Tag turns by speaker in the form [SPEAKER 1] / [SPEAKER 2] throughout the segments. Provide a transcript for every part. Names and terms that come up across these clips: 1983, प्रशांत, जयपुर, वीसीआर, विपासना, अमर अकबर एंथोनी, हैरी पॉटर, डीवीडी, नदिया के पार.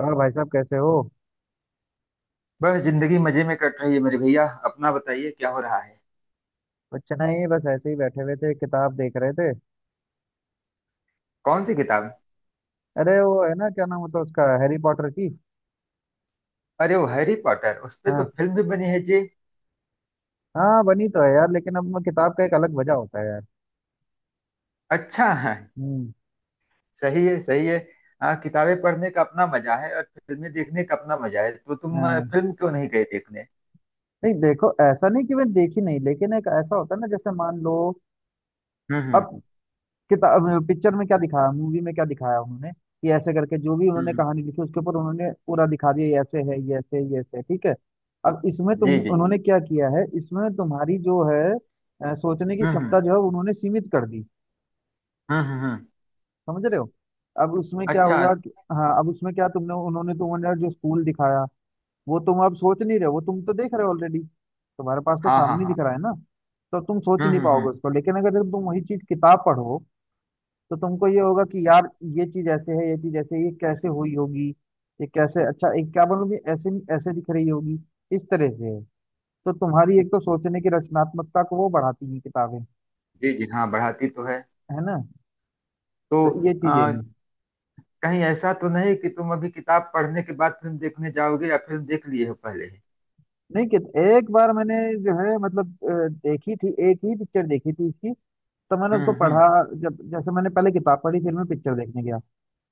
[SPEAKER 1] और भाई साहब कैसे हो?
[SPEAKER 2] बस जिंदगी मजे में कट रही है मेरे भैया। अपना बताइए क्या हो रहा है।
[SPEAKER 1] कुछ नहीं बस ऐसे ही बैठे हुए थे किताब देख रहे थे।
[SPEAKER 2] कौन सी किताब?
[SPEAKER 1] अरे वो है ना क्या नाम होता है उसका हैरी पॉटर की।
[SPEAKER 2] अरे वो हैरी पॉटर, उस पे तो
[SPEAKER 1] हाँ।
[SPEAKER 2] फिल्म भी बनी है जी।
[SPEAKER 1] हाँ बनी तो है यार लेकिन अब मैं किताब का एक अलग वजह होता है यार।
[SPEAKER 2] अच्छा है।
[SPEAKER 1] हम्म।
[SPEAKER 2] सही है, सही है। हाँ, किताबें पढ़ने का अपना मजा है और फिल्में देखने का अपना मजा है, तो तुम
[SPEAKER 1] हाँ।
[SPEAKER 2] फिल्म क्यों नहीं गए देखने।
[SPEAKER 1] नहीं देखो ऐसा नहीं कि मैं देखी नहीं लेकिन एक ऐसा होता है ना जैसे मान लो।
[SPEAKER 2] हम्म हम्म
[SPEAKER 1] अब किताब पिक्चर में क्या दिखाया मूवी में क्या दिखाया उन्होंने कि ऐसे करके जो भी
[SPEAKER 2] हम्म,
[SPEAKER 1] उन्होंने
[SPEAKER 2] हम्म,
[SPEAKER 1] कहानी लिखी उसके ऊपर उन्होंने पूरा दिखा दिया ये ऐसे है ये ऐसे ठीक है। अब इसमें तुम
[SPEAKER 2] जी जी जी।
[SPEAKER 1] उन्होंने क्या किया है इसमें तुम्हारी जो है सोचने की
[SPEAKER 2] हम्म हम्म
[SPEAKER 1] क्षमता जो है उन्होंने सीमित कर दी।
[SPEAKER 2] हम्म।
[SPEAKER 1] समझ रहे हो? अब उसमें क्या
[SPEAKER 2] अच्छा।
[SPEAKER 1] हुआ कि हाँ अब उसमें क्या तुमने उन्होंने तुम्हें जो स्कूल दिखाया वो तुम अब सोच नहीं रहे हो वो तुम तो देख रहे हो ऑलरेडी। तुम्हारे पास तो
[SPEAKER 2] हाँ हाँ
[SPEAKER 1] सामने
[SPEAKER 2] हाँ।
[SPEAKER 1] दिख रहा है ना। तो तुम सोच नहीं
[SPEAKER 2] हम्म।
[SPEAKER 1] पाओगे उसको लेकिन अगर तुम वही चीज किताब पढ़ो तो तुमको ये होगा कि यार ये चीज ऐसे है ये चीज ऐसे है, ये कैसे हुई होगी। ये कैसे अच्छा एक क्या बोलूं कि ऐसे नहीं ऐसे दिख रही होगी इस तरह से है। तो तुम्हारी एक तो सोचने की रचनात्मकता को वो बढ़ाती हैं किताबें।
[SPEAKER 2] जी जी। हाँ, बढ़ाती तो है।
[SPEAKER 1] है ना?
[SPEAKER 2] तो
[SPEAKER 1] तो ये
[SPEAKER 2] अ,
[SPEAKER 1] चीजें हैं।
[SPEAKER 2] कहीं ऐसा तो नहीं कि तुम अभी किताब पढ़ने के बाद फिल्म देखने जाओगे या फिल्म देख लिए हो पहले ही।
[SPEAKER 1] नहीं कि एक बार मैंने जो है मतलब देखी थी एक ही पिक्चर देखी थी इसकी। तो मैंने उसको
[SPEAKER 2] हम्म हम्म
[SPEAKER 1] पढ़ा। जब जैसे मैंने पहले किताब पढ़ी फिर मैं पिक्चर देखने गया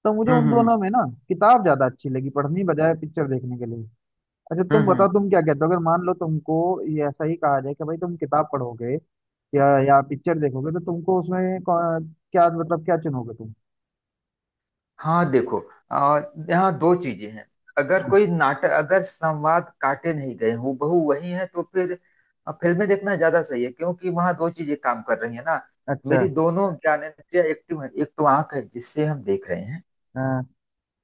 [SPEAKER 1] तो मुझे
[SPEAKER 2] हम्म
[SPEAKER 1] उन
[SPEAKER 2] हम्म,
[SPEAKER 1] दोनों में
[SPEAKER 2] हम्म।
[SPEAKER 1] ना किताब ज्यादा अच्छी लगी पढ़ने बजाय पिक्चर देखने के लिए। अच्छा तुम बताओ
[SPEAKER 2] हम्म।
[SPEAKER 1] तुम क्या कहते हो अगर मान लो तुमको ये ऐसा ही कहा जाए कि भाई तुम किताब पढ़ोगे या पिक्चर देखोगे तो तुमको उसमें क्या मतलब क्या चुनोगे तुम?
[SPEAKER 2] हाँ देखो, आ, यहाँ दो चीजें हैं। अगर
[SPEAKER 1] हाँ,
[SPEAKER 2] कोई नाटक अगर संवाद काटे नहीं गए हूबहू वही है तो फिर फिल्में देखना ज्यादा सही है क्योंकि वहाँ दो चीजें काम कर रही है ना।
[SPEAKER 1] अच्छा।
[SPEAKER 2] मेरी दोनों ज्ञानेंद्रियां एक्टिव है, एक तो आंख है जिससे हम देख रहे हैं
[SPEAKER 1] हाँ,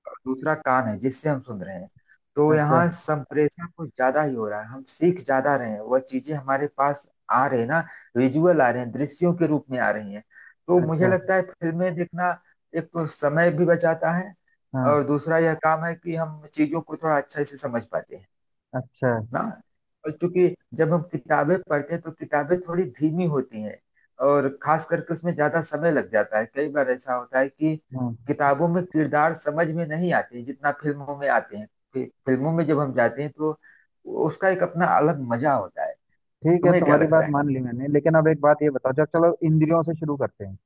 [SPEAKER 2] और दूसरा कान है जिससे हम सुन रहे हैं। तो
[SPEAKER 1] अच्छा।
[SPEAKER 2] यहाँ संप्रेषण कुछ ज्यादा ही हो रहा है, हम सीख ज्यादा रहे हैं, वह चीजें हमारे पास आ रहे हैं ना। विजुअल आ रहे हैं, दृश्यों के रूप में आ रही हैं। तो मुझे
[SPEAKER 1] अच्छा।
[SPEAKER 2] लगता है फिल्में देखना एक तो समय भी बचाता है
[SPEAKER 1] हाँ।
[SPEAKER 2] और दूसरा यह काम है कि हम चीजों को थोड़ा अच्छे से समझ पाते हैं
[SPEAKER 1] अच्छा।
[SPEAKER 2] ना। और चूंकि जब हम किताबें पढ़ते हैं तो किताबें थोड़ी धीमी होती हैं, और खास करके उसमें ज्यादा समय लग जाता है। कई बार ऐसा होता है कि
[SPEAKER 1] हाँ।
[SPEAKER 2] किताबों में किरदार समझ में नहीं आते जितना फिल्मों में आते हैं। फिल्मों में जब हम जाते हैं तो उसका एक अपना अलग मजा होता है।
[SPEAKER 1] ठीक है
[SPEAKER 2] तुम्हें क्या
[SPEAKER 1] तुम्हारी बात
[SPEAKER 2] लगता है?
[SPEAKER 1] मान ली मैंने लेकिन अब एक बात ये बताओ जब चलो इंद्रियों से शुरू करते हैं।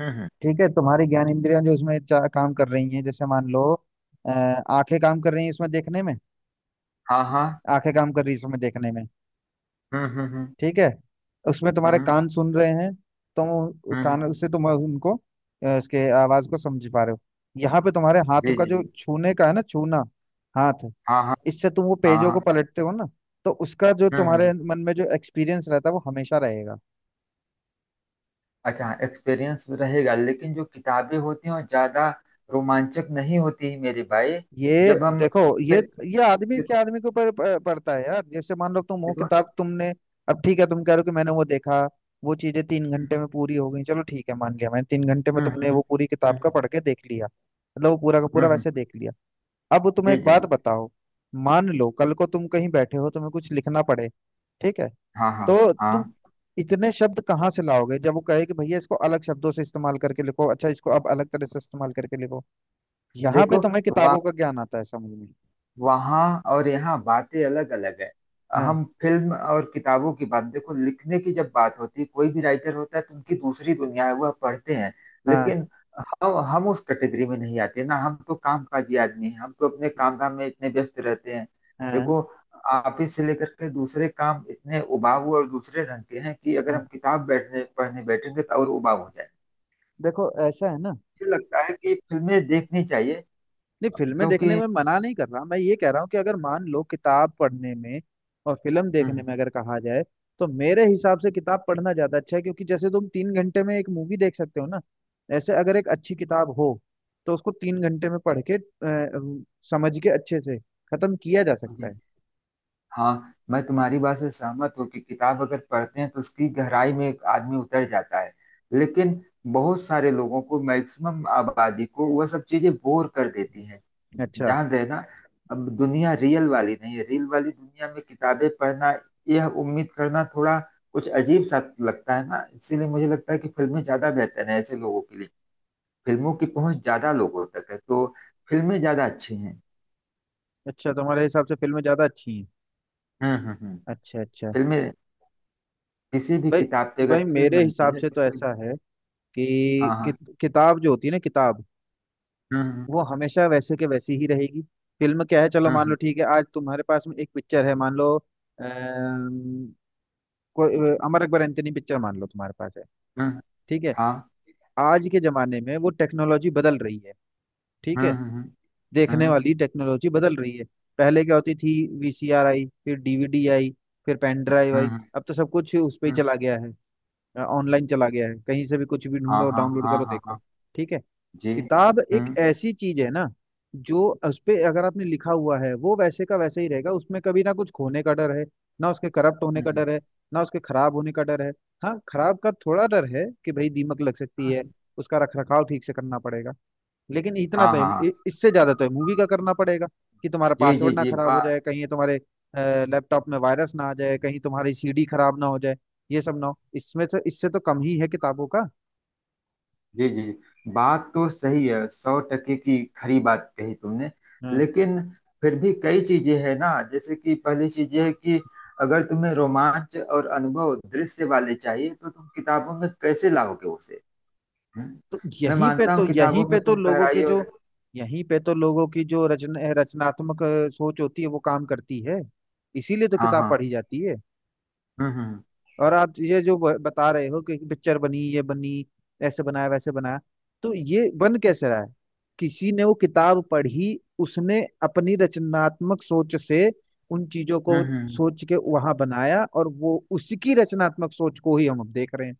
[SPEAKER 2] हम्म।
[SPEAKER 1] ठीक है तुम्हारी ज्ञान इंद्रियां जो उसमें काम कर रही हैं जैसे मान लो आंखें काम कर रही हैं इसमें देखने में।
[SPEAKER 2] हाँ हाँ।
[SPEAKER 1] आंखें काम कर रही हैं इसमें देखने में।
[SPEAKER 2] हम्म हम्म
[SPEAKER 1] ठीक है। उसमें तुम्हारे
[SPEAKER 2] हम्म
[SPEAKER 1] कान सुन रहे हैं। तुम
[SPEAKER 2] हम्म।
[SPEAKER 1] कान उससे तुम उनको उसके आवाज को समझ पा रहे हो। यहाँ पे तुम्हारे हाथ
[SPEAKER 2] जी
[SPEAKER 1] का
[SPEAKER 2] जी
[SPEAKER 1] जो
[SPEAKER 2] जी।
[SPEAKER 1] छूने का है ना छूना हाथ
[SPEAKER 2] हाँ हाँ
[SPEAKER 1] इससे तुम वो
[SPEAKER 2] हाँ
[SPEAKER 1] पेजों को
[SPEAKER 2] हाँ।
[SPEAKER 1] पलटते हो ना। तो उसका जो तुम्हारे
[SPEAKER 2] हम्म।
[SPEAKER 1] मन में जो एक्सपीरियंस रहता है वो हमेशा रहेगा।
[SPEAKER 2] अच्छा एक्सपीरियंस भी रहेगा, लेकिन जो किताबें होती हैं वो ज्यादा रोमांचक नहीं होती मेरे भाई।
[SPEAKER 1] ये
[SPEAKER 2] जब हम
[SPEAKER 1] देखो
[SPEAKER 2] फिर
[SPEAKER 1] ये
[SPEAKER 2] देखो
[SPEAKER 1] आदमी के ऊपर पड़ता है यार जैसे मान लो तुम वो
[SPEAKER 2] देखो।
[SPEAKER 1] किताब तुमने। अब ठीक है तुम कह रहे हो कि मैंने वो देखा वो चीजें तीन घंटे में पूरी हो गई चलो ठीक है मान लिया मैंने तीन घंटे में
[SPEAKER 2] हम्म
[SPEAKER 1] तुमने
[SPEAKER 2] हम्म
[SPEAKER 1] वो पूरी
[SPEAKER 2] हम्म
[SPEAKER 1] किताब का
[SPEAKER 2] हम्म,
[SPEAKER 1] पढ़ के देख लिया मतलब वो पूरा का
[SPEAKER 2] हम्म,
[SPEAKER 1] पूरा
[SPEAKER 2] हम्म,
[SPEAKER 1] वैसे देख लिया। अब तुम्हें
[SPEAKER 2] जी
[SPEAKER 1] एक
[SPEAKER 2] जी
[SPEAKER 1] बात
[SPEAKER 2] जी।
[SPEAKER 1] बताओ। मान लो कल को तुम कहीं बैठे हो तुम्हें कुछ लिखना पड़े। ठीक है।
[SPEAKER 2] हाँ हाँ
[SPEAKER 1] तो तुम
[SPEAKER 2] हाँ।
[SPEAKER 1] इतने शब्द कहाँ से लाओगे जब वो कहे कि भैया इसको अलग शब्दों से इस्तेमाल करके लिखो अच्छा इसको अब अलग तरह से इस्तेमाल करके लिखो। यहाँ पे
[SPEAKER 2] देखो,
[SPEAKER 1] तुम्हें
[SPEAKER 2] वहाँ
[SPEAKER 1] किताबों का ज्ञान आता है समझ में।
[SPEAKER 2] वहाँ और यहाँ बातें अलग अलग है।
[SPEAKER 1] हाँ।
[SPEAKER 2] हम फिल्म और किताबों की बात, देखो, लिखने की जब बात होती है कोई भी राइटर होता है तो उनकी दूसरी दुनिया है, वह पढ़ते हैं।
[SPEAKER 1] हाँ
[SPEAKER 2] लेकिन हम उस कैटेगरी में नहीं आते ना, हम तो कामकाजी आदमी हैं, हम तो अपने काम धाम में इतने व्यस्त रहते हैं।
[SPEAKER 1] हाँ
[SPEAKER 2] देखो, ऑफिस से लेकर के दूसरे काम इतने उबाऊ और दूसरे रंग के हैं कि अगर
[SPEAKER 1] हाँ।
[SPEAKER 2] हम किताब बैठने पढ़ने बैठेंगे तो और उबाऊ हो जाए।
[SPEAKER 1] देखो ऐसा है ना।
[SPEAKER 2] मुझे लगता है कि फिल्में देखनी चाहिए,
[SPEAKER 1] नहीं फिल्में देखने
[SPEAKER 2] क्योंकि
[SPEAKER 1] में मना नहीं कर रहा मैं ये कह रहा हूँ कि अगर मान लो किताब पढ़ने में और फिल्म देखने
[SPEAKER 2] हम्म,
[SPEAKER 1] में अगर कहा जाए तो मेरे हिसाब से किताब पढ़ना ज्यादा अच्छा है क्योंकि जैसे तुम तीन घंटे में एक मूवी देख सकते हो ना ऐसे अगर एक अच्छी किताब हो तो उसको तीन घंटे में पढ़ के समझ के अच्छे से खत्म किया जा सकता
[SPEAKER 2] जी।
[SPEAKER 1] है।
[SPEAKER 2] हाँ, मैं तुम्हारी बात से सहमत हूँ कि किताब अगर पढ़ते हैं तो उसकी गहराई में एक आदमी उतर जाता है। लेकिन बहुत सारे लोगों को, मैक्सिमम आबादी को, वह सब चीजें बोर कर देती हैं।
[SPEAKER 1] अच्छा।
[SPEAKER 2] जान रहे ना। अब दुनिया रियल वाली नहीं है, रियल वाली दुनिया में किताबें पढ़ना यह उम्मीद करना थोड़ा कुछ अजीब सा लगता है ना, इसीलिए मुझे लगता है कि फिल्में ज्यादा बेहतर है ऐसे लोगों के लिए। फिल्मों की पहुंच ज्यादा लोगों तक है, तो फिल्में ज्यादा अच्छी हैं।
[SPEAKER 1] अच्छा तुम्हारे हिसाब से फिल्में ज्यादा अच्छी हैं।
[SPEAKER 2] हम्म।
[SPEAKER 1] अच्छा अच्छा।
[SPEAKER 2] फिल्में, किसी भी
[SPEAKER 1] भाई।
[SPEAKER 2] किताब से अगर
[SPEAKER 1] भाई
[SPEAKER 2] फिल्म
[SPEAKER 1] मेरे
[SPEAKER 2] बनती
[SPEAKER 1] हिसाब
[SPEAKER 2] है
[SPEAKER 1] से
[SPEAKER 2] तो
[SPEAKER 1] तो
[SPEAKER 2] फिल्म।
[SPEAKER 1] ऐसा है कि
[SPEAKER 2] हाँ हाँ।
[SPEAKER 1] किताब जो होती है ना किताब
[SPEAKER 2] हम्म
[SPEAKER 1] वो हमेशा वैसे के वैसी ही रहेगी। फिल्म क्या है चलो
[SPEAKER 2] हम्म हम्म
[SPEAKER 1] मान लो ठीक है आज तुम्हारे पास में एक पिक्चर है मान लो। अम, कोई अमर अकबर एंथोनी पिक्चर मान लो तुम्हारे पास है।
[SPEAKER 2] हम्म, हम्म,
[SPEAKER 1] ठीक है।
[SPEAKER 2] हाँ।
[SPEAKER 1] आज के जमाने में वो टेक्नोलॉजी बदल रही है। ठीक
[SPEAKER 2] हम्म
[SPEAKER 1] है।
[SPEAKER 2] हम्म
[SPEAKER 1] देखने
[SPEAKER 2] हम्म
[SPEAKER 1] वाली टेक्नोलॉजी बदल रही है। पहले क्या होती थी वीसीआर आई फिर डीवीडी आई फिर पेन ड्राइव
[SPEAKER 2] हम्म
[SPEAKER 1] आई
[SPEAKER 2] हम्म,
[SPEAKER 1] अब तो सब कुछ उस पे ही
[SPEAKER 2] हम्म,
[SPEAKER 1] चला गया है। ऑनलाइन चला गया है कहीं से भी कुछ भी
[SPEAKER 2] हाँ
[SPEAKER 1] ढूंढो
[SPEAKER 2] हाँ
[SPEAKER 1] डाउनलोड
[SPEAKER 2] हाँ
[SPEAKER 1] करो
[SPEAKER 2] हाँ
[SPEAKER 1] देखो।
[SPEAKER 2] हाँ।
[SPEAKER 1] ठीक है।
[SPEAKER 2] जी।
[SPEAKER 1] किताब एक
[SPEAKER 2] हम्म
[SPEAKER 1] ऐसी चीज है ना जो उस पे अगर आपने लिखा हुआ है वो वैसे का वैसे ही रहेगा उसमें कभी ना कुछ खोने का डर है ना उसके करप्ट होने का
[SPEAKER 2] हम्म,
[SPEAKER 1] डर है ना उसके खराब होने का डर है। हाँ खराब का थोड़ा डर है कि भाई दीमक लग सकती है
[SPEAKER 2] हम्म,
[SPEAKER 1] उसका रख रखाव ठीक से करना पड़ेगा लेकिन इतना
[SPEAKER 2] हाँ
[SPEAKER 1] तो है
[SPEAKER 2] हाँ हाँ।
[SPEAKER 1] इससे ज्यादा तो है मूवी का करना पड़ेगा कि तुम्हारा
[SPEAKER 2] जी जी
[SPEAKER 1] पासवर्ड ना
[SPEAKER 2] जी
[SPEAKER 1] खराब हो
[SPEAKER 2] बात।
[SPEAKER 1] जाए कहीं ये तुम्हारे लैपटॉप में वायरस ना आ जाए कहीं तुम्हारी सीडी खराब ना हो जाए ये सब ना हो इसमें तो इससे तो कम ही है किताबों का।
[SPEAKER 2] जी जी, बात तो सही है, सौ टके की खरी बात कही तुमने। लेकिन फिर भी कई चीजें हैं ना, जैसे कि पहली चीज ये है कि अगर तुम्हें रोमांच और अनुभव दृश्य वाले चाहिए तो तुम किताबों में कैसे लाओगे उसे। हम्म।
[SPEAKER 1] तो
[SPEAKER 2] मैं मानता हूँ किताबों में तुम गहराई और
[SPEAKER 1] यहीं पे तो लोगों की जो रचनात्मक सोच होती है वो काम करती है। इसीलिए तो
[SPEAKER 2] हाँ
[SPEAKER 1] किताब
[SPEAKER 2] हाँ।
[SPEAKER 1] पढ़ी जाती है।
[SPEAKER 2] हम्म हम्म
[SPEAKER 1] और आप ये जो बता रहे हो कि पिक्चर बनी ये बनी ऐसे बनाया वैसे बनाया तो ये बन कैसे रहा है? किसी ने वो किताब पढ़ी उसने अपनी रचनात्मक सोच से उन चीजों
[SPEAKER 2] हम्म
[SPEAKER 1] को
[SPEAKER 2] हम्म, हम्म।
[SPEAKER 1] सोच के वहां बनाया और वो उसकी रचनात्मक सोच को ही हम अब देख रहे हैं।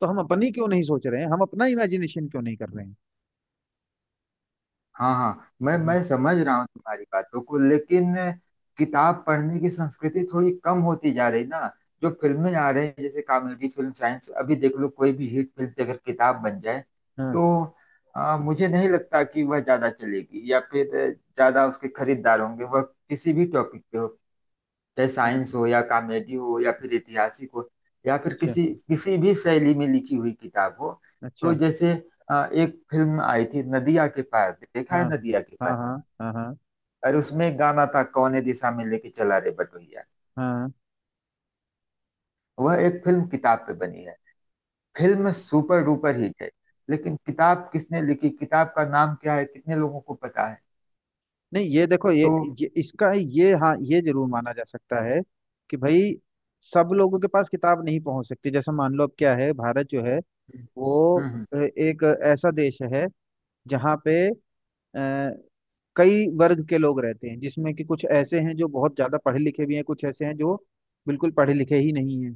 [SPEAKER 1] तो हम अपनी क्यों नहीं सोच रहे हैं हम अपना इमेजिनेशन क्यों नहीं कर रहे
[SPEAKER 2] हाँ हाँ, मैं
[SPEAKER 1] हैं?
[SPEAKER 2] मैं समझ रहा हूँ तुम्हारी बातों को, लेकिन किताब पढ़ने की संस्कृति थोड़ी कम होती जा रही ना। जो फिल्में आ रही हैं जैसे कॉमेडी फिल्म, साइंस, अभी देख लो, कोई भी हिट फिल्म पे अगर किताब बन जाए
[SPEAKER 1] हाँ।
[SPEAKER 2] तो मुझे नहीं लगता कि वह ज्यादा चलेगी या फिर ज्यादा उसके खरीदार होंगे, वह किसी भी टॉपिक पे हो, चाहे
[SPEAKER 1] अ-
[SPEAKER 2] साइंस हो या कॉमेडी हो या फिर ऐतिहासिक हो, या फिर
[SPEAKER 1] अच्छा।
[SPEAKER 2] किसी किसी भी शैली में लिखी हुई किताब हो। तो
[SPEAKER 1] अच्छा।
[SPEAKER 2] जैसे एक फिल्म आई थी नदिया के पार, देखा है
[SPEAKER 1] हाँ
[SPEAKER 2] नदिया के
[SPEAKER 1] हाँ हाँ
[SPEAKER 2] पार?
[SPEAKER 1] हाँ हाँ
[SPEAKER 2] और उसमें एक गाना था, कौने दिशा में लेके चला रे बटोहिया।
[SPEAKER 1] हाँ।
[SPEAKER 2] वह एक फिल्म किताब पे बनी है, फिल्म सुपर डुपर हिट है। लेकिन किताब किसने लिखी, किताब का नाम क्या है, कितने लोगों को पता है?
[SPEAKER 1] नहीं ये देखो
[SPEAKER 2] तो
[SPEAKER 1] ये इसका ये हाँ ये जरूर माना जा सकता है कि भाई सब लोगों के पास किताब नहीं पहुंच सकती जैसे मान लो अब क्या है भारत जो है वो
[SPEAKER 2] हम्म हम्म,
[SPEAKER 1] एक ऐसा देश है जहाँ पे अ, कई वर्ग के लोग रहते हैं जिसमें कि कुछ ऐसे हैं जो बहुत ज्यादा पढ़े लिखे भी हैं कुछ ऐसे हैं जो बिल्कुल पढ़े लिखे ही नहीं हैं।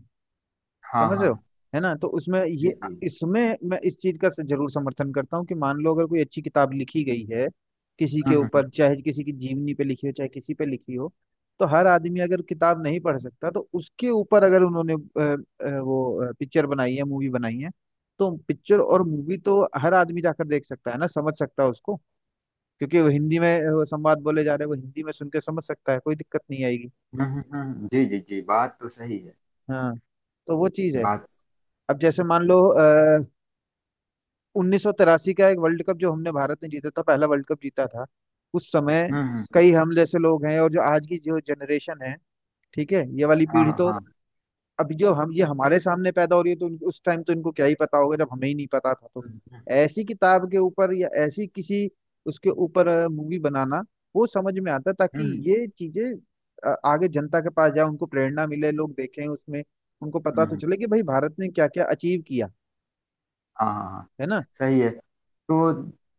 [SPEAKER 2] हाँ
[SPEAKER 1] समझ रहे
[SPEAKER 2] हाँ।
[SPEAKER 1] हो? है ना तो उसमें
[SPEAKER 2] जी
[SPEAKER 1] ये
[SPEAKER 2] जी।
[SPEAKER 1] इसमें मैं इस चीज का जरूर समर्थन करता हूँ कि मान लो अगर कोई अच्छी किताब लिखी गई है किसी के
[SPEAKER 2] हम्म हम्म
[SPEAKER 1] ऊपर चाहे किसी की जीवनी पे लिखी हो चाहे किसी पे लिखी हो तो हर आदमी अगर किताब नहीं पढ़ सकता तो उसके ऊपर अगर उन्होंने वो पिक्चर बनाई है मूवी बनाई है तो पिक्चर और मूवी तो हर आदमी जाकर देख सकता है ना समझ सकता है उसको क्योंकि वो हिंदी में वो संवाद बोले जा रहे हैं वो हिंदी में सुन के समझ सकता है कोई दिक्कत नहीं आएगी।
[SPEAKER 2] जी जी जी, बात तो सही है।
[SPEAKER 1] हाँ। तो वो चीज है।
[SPEAKER 2] बात
[SPEAKER 1] अब जैसे मान लो 1983 का एक वर्ल्ड कप जो हमने भारत ने जीता था पहला वर्ल्ड कप जीता था उस समय
[SPEAKER 2] हम्म हम्म,
[SPEAKER 1] कई हम जैसे लोग हैं और जो आज की जो जनरेशन है। ठीक है ये वाली
[SPEAKER 2] हाँ
[SPEAKER 1] पीढ़ी
[SPEAKER 2] हाँ
[SPEAKER 1] तो
[SPEAKER 2] हाँ।
[SPEAKER 1] अभी जो हम ये हमारे सामने पैदा हो रही है तो उस टाइम तो इनको क्या ही पता होगा जब हमें ही नहीं पता था तो
[SPEAKER 2] हम्म
[SPEAKER 1] ऐसी किताब के ऊपर या ऐसी किसी उसके ऊपर मूवी बनाना वो समझ में आता है ताकि
[SPEAKER 2] हम्म,
[SPEAKER 1] ये चीजें आगे जनता के पास जाए उनको प्रेरणा मिले लोग देखें उसमें उनको पता
[SPEAKER 2] हम्म, हम्म,
[SPEAKER 1] तो चले कि भाई भारत ने क्या क्या अचीव किया।
[SPEAKER 2] हाँ हाँ हाँ।
[SPEAKER 1] है ना?
[SPEAKER 2] सही है। तो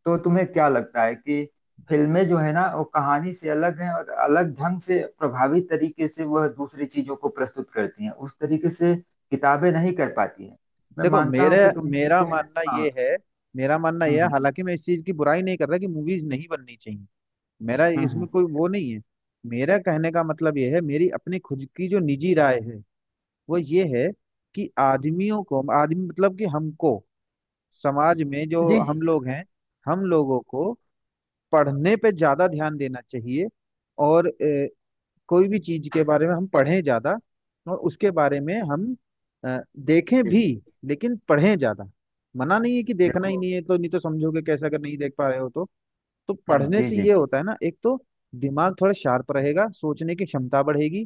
[SPEAKER 2] तो तुम्हें क्या लगता है कि फिल्में जो है ना वो कहानी से अलग हैं और अलग ढंग से प्रभावी तरीके से वह दूसरी चीजों को प्रस्तुत करती हैं, उस तरीके से किताबें नहीं कर पाती हैं। मैं
[SPEAKER 1] देखो
[SPEAKER 2] मानता
[SPEAKER 1] मेरे
[SPEAKER 2] हूँ कि तुम
[SPEAKER 1] मेरा
[SPEAKER 2] तुम
[SPEAKER 1] मानना ये
[SPEAKER 2] हाँ।
[SPEAKER 1] है
[SPEAKER 2] हम्म हम्म
[SPEAKER 1] हालांकि मैं इस चीज की बुराई नहीं कर रहा कि मूवीज नहीं बननी चाहिए। मेरा
[SPEAKER 2] हम्म, हम्म।
[SPEAKER 1] इसमें कोई वो नहीं है। मेरा कहने का मतलब ये है मेरी अपनी खुद की जो निजी राय है वो ये है कि आदमियों को आदमी मतलब कि हमको समाज में जो
[SPEAKER 2] जी जी
[SPEAKER 1] हम लोग हैं हम लोगों को पढ़ने पे ज्यादा ध्यान देना चाहिए और कोई भी चीज के बारे में हम पढ़ें ज्यादा और उसके बारे में हम अ, देखें
[SPEAKER 2] जी
[SPEAKER 1] भी
[SPEAKER 2] जी।
[SPEAKER 1] लेकिन पढ़ें ज्यादा। मना नहीं है कि देखना ही
[SPEAKER 2] देखो।
[SPEAKER 1] नहीं है तो नहीं तो समझोगे कैसे अगर नहीं देख पा रहे हो तो। तो
[SPEAKER 2] हाँ।
[SPEAKER 1] पढ़ने
[SPEAKER 2] जी
[SPEAKER 1] से
[SPEAKER 2] जी
[SPEAKER 1] ये
[SPEAKER 2] जी
[SPEAKER 1] होता है ना एक तो दिमाग थोड़ा शार्प रहेगा सोचने की क्षमता बढ़ेगी।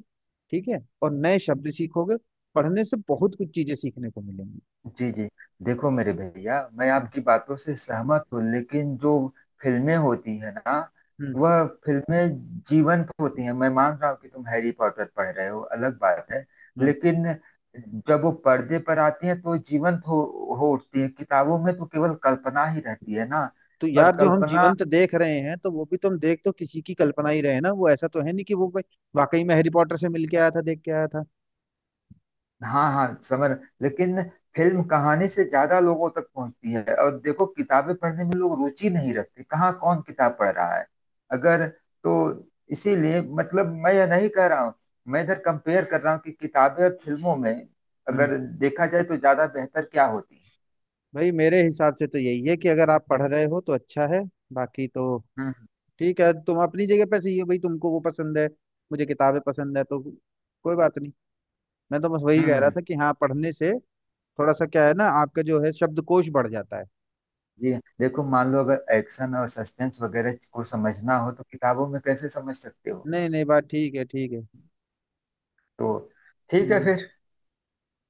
[SPEAKER 1] ठीक है। और नए शब्द सीखोगे पढ़ने से बहुत कुछ चीजें सीखने को मिलेंगी।
[SPEAKER 2] जी जी। देखो मेरे भैया, मैं
[SPEAKER 1] हाँ,
[SPEAKER 2] आपकी बातों से सहमत हूँ लेकिन जो फिल्में होती है ना
[SPEAKER 1] हम्म।
[SPEAKER 2] वह फिल्में जीवंत होती हैं। मैं मान रहा हूँ कि तुम हैरी पॉटर पढ़ रहे हो, अलग बात है।
[SPEAKER 1] हाँ।
[SPEAKER 2] लेकिन जब वो पर्दे पर आती हैं तो जीवंत हो उठती है, किताबों में तो केवल कल्पना ही रहती है ना।
[SPEAKER 1] तो
[SPEAKER 2] और
[SPEAKER 1] यार जो हम
[SPEAKER 2] कल्पना,
[SPEAKER 1] जीवंत देख रहे हैं तो वो भी तुम देख तो किसी की कल्पना ही रहे ना वो ऐसा तो है नहीं कि वो भाई वाकई में हैरी पॉटर से मिल के आया था देख के आया था।
[SPEAKER 2] हाँ हाँ समझ, लेकिन फिल्म कहानी से ज्यादा लोगों तक पहुंचती है, और देखो किताबें पढ़ने में लोग रुचि नहीं रखते, कहाँ कौन किताब पढ़ रहा है अगर तो। इसीलिए, मतलब, मैं यह नहीं कह रहा हूँ, मैं इधर कंपेयर कर रहा हूँ कि किताबें और फिल्मों में अगर
[SPEAKER 1] हम्म।
[SPEAKER 2] देखा जाए तो ज्यादा बेहतर क्या होती है।
[SPEAKER 1] भाई मेरे हिसाब से तो यही है कि अगर आप पढ़ रहे हो तो अच्छा है बाकी तो
[SPEAKER 2] हम्म
[SPEAKER 1] ठीक है तुम अपनी जगह पे सही हो भाई तुमको वो पसंद है मुझे किताबें पसंद है तो कोई बात नहीं मैं तो बस वही
[SPEAKER 2] हम्म
[SPEAKER 1] कह
[SPEAKER 2] हम्म,
[SPEAKER 1] रहा
[SPEAKER 2] हम्म।
[SPEAKER 1] था कि हाँ पढ़ने से थोड़ा सा क्या है ना आपका जो है शब्दकोश बढ़ जाता है।
[SPEAKER 2] जी। देखो, मान लो अगर एक्शन और सस्पेंस वगैरह को समझना हो तो किताबों में कैसे समझ सकते हो?
[SPEAKER 1] नहीं नहीं बात ठीक है ठीक है।
[SPEAKER 2] तो ठीक है
[SPEAKER 1] हम्म।
[SPEAKER 2] फिर,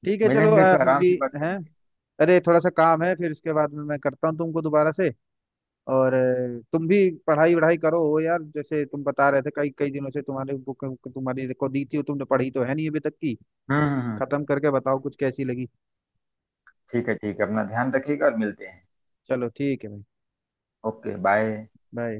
[SPEAKER 1] ठीक है चलो
[SPEAKER 2] मिलेंगे तो आराम
[SPEAKER 1] अभी
[SPEAKER 2] से बात
[SPEAKER 1] है
[SPEAKER 2] करेंगे।
[SPEAKER 1] अरे थोड़ा सा काम है फिर इसके बाद में मैं करता हूँ तुमको दोबारा से और तुम भी पढ़ाई वढ़ाई करो हो यार जैसे तुम बता रहे थे कई कई दिनों से तुम्हारे बुक तुम्हारी को दी थी वो तुमने पढ़ी तो है नहीं अभी तक की।
[SPEAKER 2] हम्म हम्म हम्म।
[SPEAKER 1] खत्म करके बताओ कुछ कैसी लगी।
[SPEAKER 2] ठीक है, ठीक है, अपना ध्यान रखिएगा और मिलते हैं।
[SPEAKER 1] चलो ठीक है भाई
[SPEAKER 2] ओके बाय।
[SPEAKER 1] बाय।